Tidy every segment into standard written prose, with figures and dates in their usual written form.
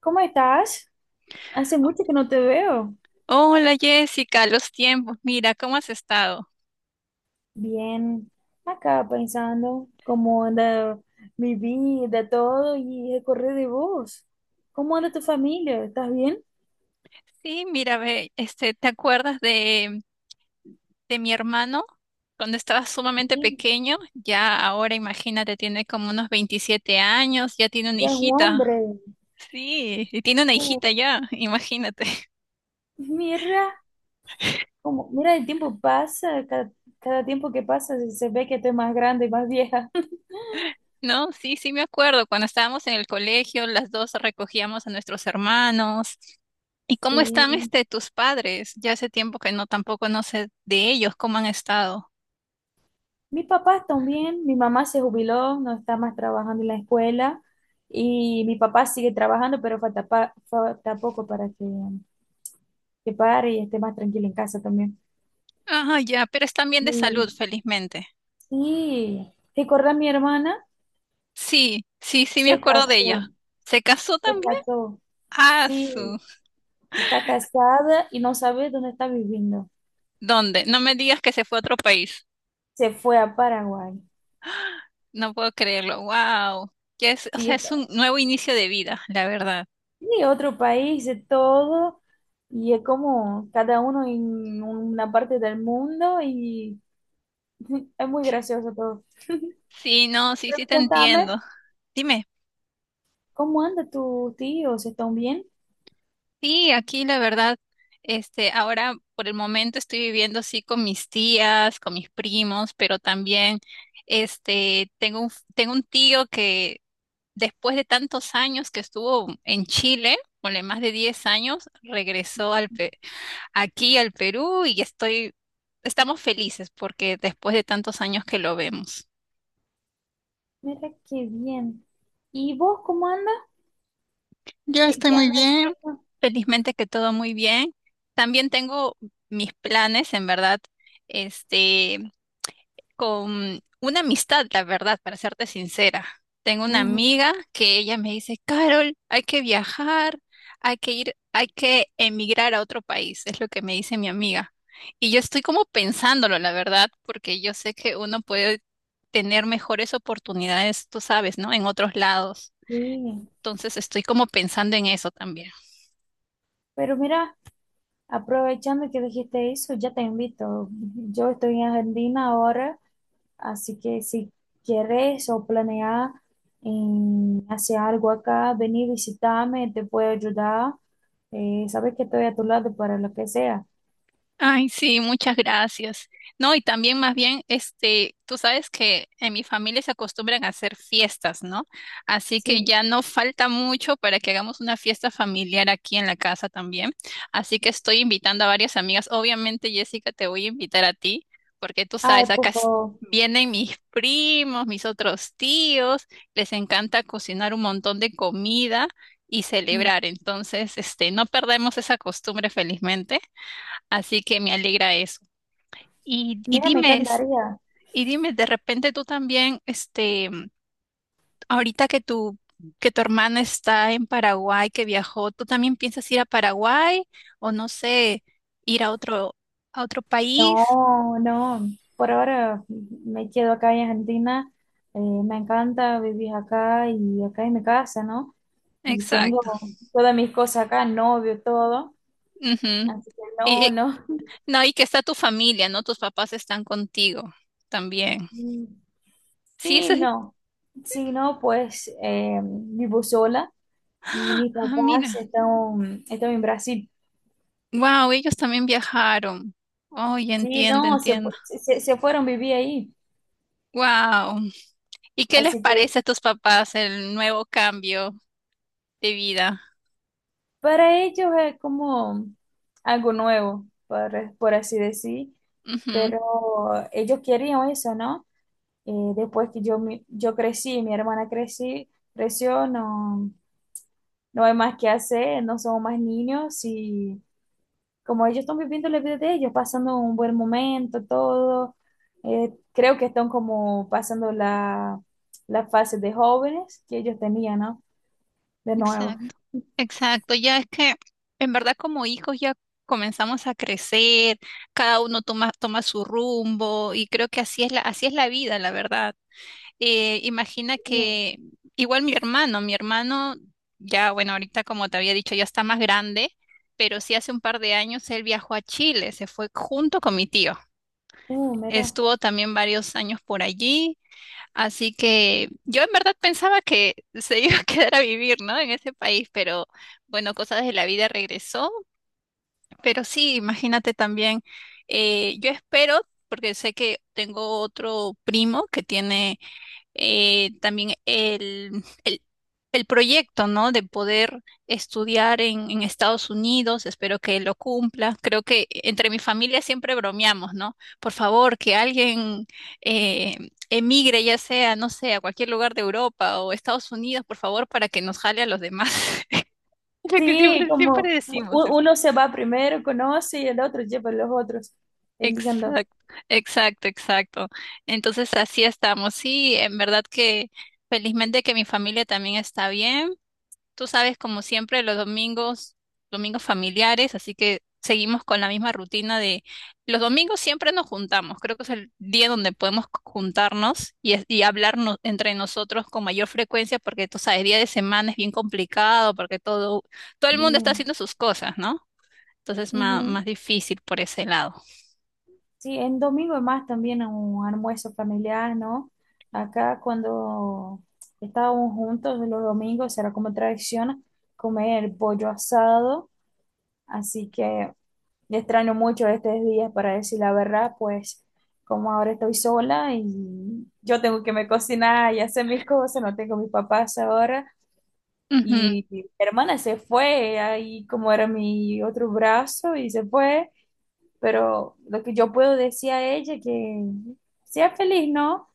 ¿Cómo estás? Hace mucho que no te veo. Hola Jessica, los tiempos, mira, ¿cómo has estado? Bien, acá pensando cómo anda mi vida, todo y el correr de vos. ¿Cómo anda tu familia? ¿Estás bien? Sí, mira, ve, ¿te acuerdas de mi hermano? Cuando estaba sumamente Bien, pequeño, ya ahora imagínate, tiene como unos 27 años, ya tiene una ya es un hijita. hombre. Sí, y tiene una Oh, hijita ya, imagínate. mira, mira el tiempo pasa, cada tiempo que pasa se ve que estoy más grande y más vieja. No, sí, sí me acuerdo, cuando estábamos en el colegio, las dos recogíamos a nuestros hermanos. ¿Y cómo Sí, están tus padres? Ya hace tiempo que no, tampoco no sé de ellos, ¿cómo han estado? mis papás también, mi mamá se jubiló, no está más trabajando en la escuela y mi papá sigue trabajando, pero falta poco para que pare y esté más tranquila en casa también. Ajá, ya, pero están bien Y, de salud, felizmente. y recordar mi hermana, Sí, sí, sí me se acuerdo de casó, ella. ¿Se casó se también? casó, Ah, sí, su. está casada y no sabe dónde está viviendo. ¿Dónde? No me digas que se fue a otro país. Se fue a Paraguay, No puedo creerlo. Wow. Que es, o sí, sea, es está, un nuevo inicio de vida, la verdad. sí, otro país, de todo. Y es como cada uno en una parte del mundo y es muy gracioso todo. Sí, no, sí, sí Pero te contame, entiendo. Dime. ¿cómo anda tu tío? ¿Se están bien? Sí, aquí la verdad, ahora por el momento estoy viviendo así con mis tías, con mis primos, pero también, tengo un tío que después de tantos años que estuvo en Chile, ponle más de 10 años, regresó al aquí al Perú y estamos felices porque después de tantos años que lo vemos. Mira qué bien. ¿Y vos cómo andas? Yo ¿Qué, estoy qué muy andas bien. haciendo? Felizmente que todo muy bien. También tengo mis planes, en verdad. Este, con una amistad, la verdad, para serte sincera. Tengo una Ujú, amiga que ella me dice, Carol, hay que viajar, hay que ir, hay que emigrar a otro país, es lo que me dice mi amiga. Y yo estoy como pensándolo, la verdad, porque yo sé que uno puede tener mejores oportunidades, tú sabes, ¿no? En otros lados. sí. Entonces estoy como pensando en eso también. Pero mira, aprovechando que dijiste eso, ya te invito. Yo estoy en Argentina ahora, así que si quieres o planeas hacer algo acá, vení, visitarme, te puedo ayudar. Sabes que estoy a tu lado para lo que sea. Ay, sí, muchas gracias. No, y también más bien, tú sabes que en mi familia se acostumbran a hacer fiestas, ¿no? Así que Sí. ya no falta mucho para que hagamos una fiesta familiar aquí en la casa también. Así que estoy invitando a varias amigas. Obviamente, Jessica, te voy a invitar a ti, porque tú Ay, sabes, acá por favor. vienen mis primos, mis otros tíos, les encanta cocinar un montón de comida y celebrar. Entonces, no perdemos esa costumbre, felizmente. Así que me alegra eso. Y Mira, me encantaría. Dime, de repente tú también, ahorita que que tu hermana está en Paraguay, que viajó, ¿tú también piensas ir a Paraguay o no sé, ir a otro, país? No, no. Por ahora me quedo acá en Argentina. Me encanta vivir acá y acá en mi casa, ¿no? Y Exacto. tengo todas mis cosas acá, novio, todo. Ujú. Así que Y, no, y- no. no, y que está tu familia, ¿no? Tus papás están contigo también. Mm, Sí, eso sí, es- no. Sí, no, pues vivo sola y mis Ah, papás mira. Están en Brasil. Wow, ellos también viajaron. Oye, Sí, entiendo, no, entiendo. Se fueron a vivir ahí. Wow. ¿Y qué les Así que parece a tus papás el nuevo cambio de vida? para ellos es como algo nuevo, por así decir, Ujú. pero ellos querían eso, ¿no? Después que yo crecí, mi hermana creció, no, no hay más que hacer, no somos más niños y como ellos están viviendo la vida de ellos, pasando un buen momento, todo, creo que están como pasando la fase de jóvenes que ellos tenían, ¿no? De nuevo. Exacto, exacto. Ya es que en verdad como hijos ya comenzamos a crecer, cada uno toma su rumbo y creo que así es la vida, la verdad. Imagina Uh, que igual mi hermano ya, bueno, ahorita como te había dicho, ya está más grande, pero sí hace un par de años él viajó a Chile, se fue junto con mi tío. Mira. Estuvo también varios años por allí. Así que yo en verdad pensaba que se iba a quedar a vivir, ¿no? En ese país, pero bueno, cosas de la vida regresó. Pero sí, imagínate también, yo espero, porque sé que tengo otro primo que tiene también el proyecto, ¿no? De poder estudiar en, Estados Unidos, espero que lo cumpla. Creo que entre mi familia siempre bromeamos, ¿no? Por favor, que alguien emigre, ya sea, no sé, a cualquier lugar de Europa o Estados Unidos, por favor, para que nos jale a los demás. Lo que Sí, siempre, siempre como decimos es. uno se va primero, conoce y el otro lleva a los otros, entiendo. Exacto, exacto, exacto. Entonces así estamos. Sí, en verdad que felizmente que mi familia también está bien. Tú sabes, como siempre, los domingos, domingos familiares, así que seguimos con la misma rutina de los domingos siempre nos juntamos. Creo que es el día donde podemos juntarnos y, y hablarnos entre nosotros con mayor frecuencia, porque tú sabes, día de semana es bien complicado, porque todo el mundo Y, está haciendo sus cosas, ¿no? Entonces es más, ujú. más difícil por ese lado. Sí, en domingo es más también un almuerzo familiar, ¿no? Acá cuando estábamos juntos los domingos era como tradición comer pollo asado, así que extraño mucho estos días para decir la verdad, pues como ahora estoy sola y yo tengo que me cocinar y hacer mis cosas, no tengo mis papás ahora. Ujú, Y mi hermana se fue, ahí como era mi otro brazo, y se fue. Pero lo que yo puedo decir a ella que sea feliz, ¿no?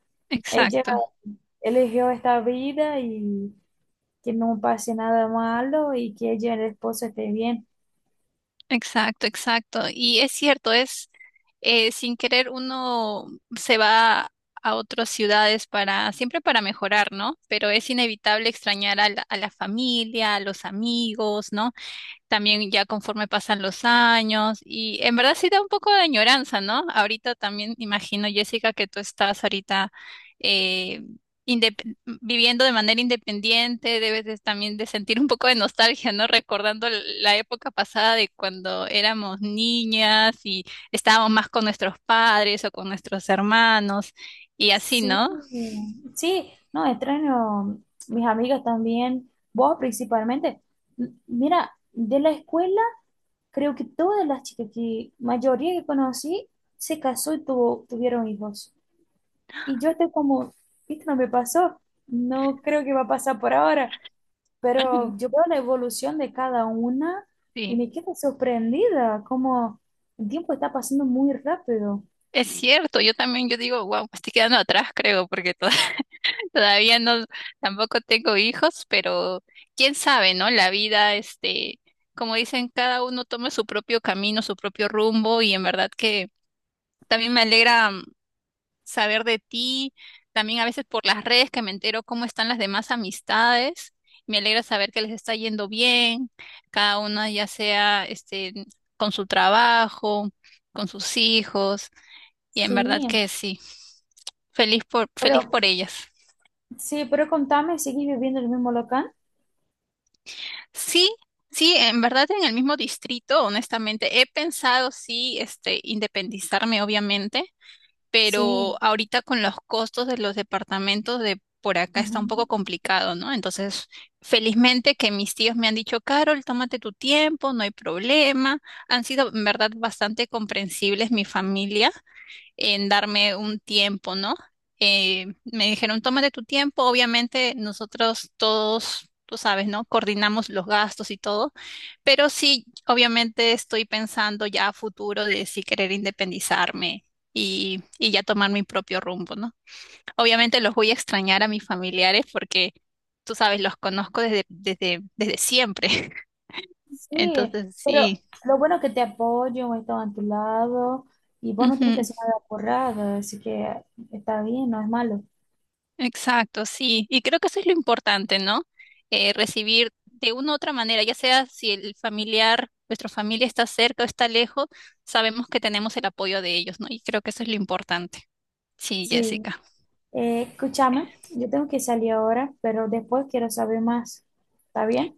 Ella exacto. eligió esta vida y que no pase nada malo y que ella y el esposo esté bien. Exacto, exacto. Y es cierto, es sin querer uno se va a otras ciudades siempre para mejorar, ¿no? Pero es inevitable extrañar a la, familia, a los amigos, ¿no? También ya conforme pasan los años y en verdad sí da un poco de añoranza, ¿no? Ahorita también imagino, Jessica, que tú estás ahorita eh, viviendo de manera independiente, debes también de sentir un poco de nostalgia, ¿no? Recordando la época pasada de cuando éramos niñas y estábamos más con nuestros padres o con nuestros hermanos y así, Sí, ¿no? sí, no, extraño mis amigas también, vos principalmente. Mira, de la escuela creo que todas las chicas que mayoría que conocí se casó y tuvieron hijos. Y yo estoy como, esto no me pasó, no creo que va a pasar por ahora, pero yo veo la evolución de cada una y Sí. me quedo sorprendida, como el tiempo está pasando muy rápido. Es cierto, yo también, yo digo, wow, me estoy quedando atrás, creo, porque todo. Todavía no, tampoco tengo hijos, pero quién sabe, ¿no? La vida, como dicen, cada uno toma su propio camino, su propio rumbo, y en verdad que también me alegra, saber de ti, también a veces por las redes que me entero cómo están las demás amistades, me alegra saber que les está yendo bien, cada una ya sea, con su trabajo, con sus hijos, y en verdad Sí, que sí, feliz pero por ellas. Contame, ¿seguís viviendo en el mismo local? Sí, sí, en verdad en el mismo distrito, honestamente, he pensado sí, independizarme, obviamente, Sí. pero ahorita con los costos de los departamentos de por acá está un poco Ujú. complicado, ¿no? Entonces, felizmente que mis tíos me han dicho, Carol, tómate tu tiempo, no hay problema. Han sido, en verdad, bastante comprensibles mi familia en darme un tiempo, ¿no? Me dijeron, tómate tu tiempo, obviamente nosotros todos, tú sabes, ¿no? Coordinamos los gastos y todo, pero sí, obviamente estoy pensando ya a futuro de si querer independizarme y ya tomar mi propio rumbo, ¿no? Obviamente los voy a extrañar a mis familiares porque, tú sabes, los conozco desde siempre. Sí, Entonces pero sí. lo bueno es que te apoyo, voy a estar a tu lado y vos no tenés que Ujú. hacer nada porrada, así que está bien, no es malo. Exacto, sí. Y creo que eso es lo importante, ¿no? Recibir de una u otra manera, ya sea si el familiar, nuestra familia está cerca o está lejos, sabemos que tenemos el apoyo de ellos, ¿no? Y creo que eso es lo importante. Sí, Sí, Jessica. Escúchame, yo tengo que salir ahora, pero después quiero saber más. ¿Está bien?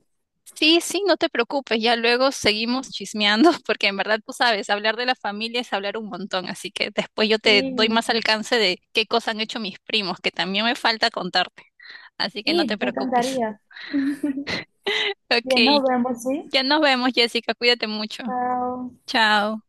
Sí, sí, no te preocupes, ya luego seguimos chismeando, porque en verdad tú sabes, hablar de la familia es hablar un montón, así que después yo Sí, te doy más alcance de qué cosas han hecho mis primos, que también me falta contarte. Así que no te sí, me preocupes. encantaría. Bien, nos Ok, vemos, ¿sí? ya nos vemos, Jessica, cuídate mucho. Chao. Chao.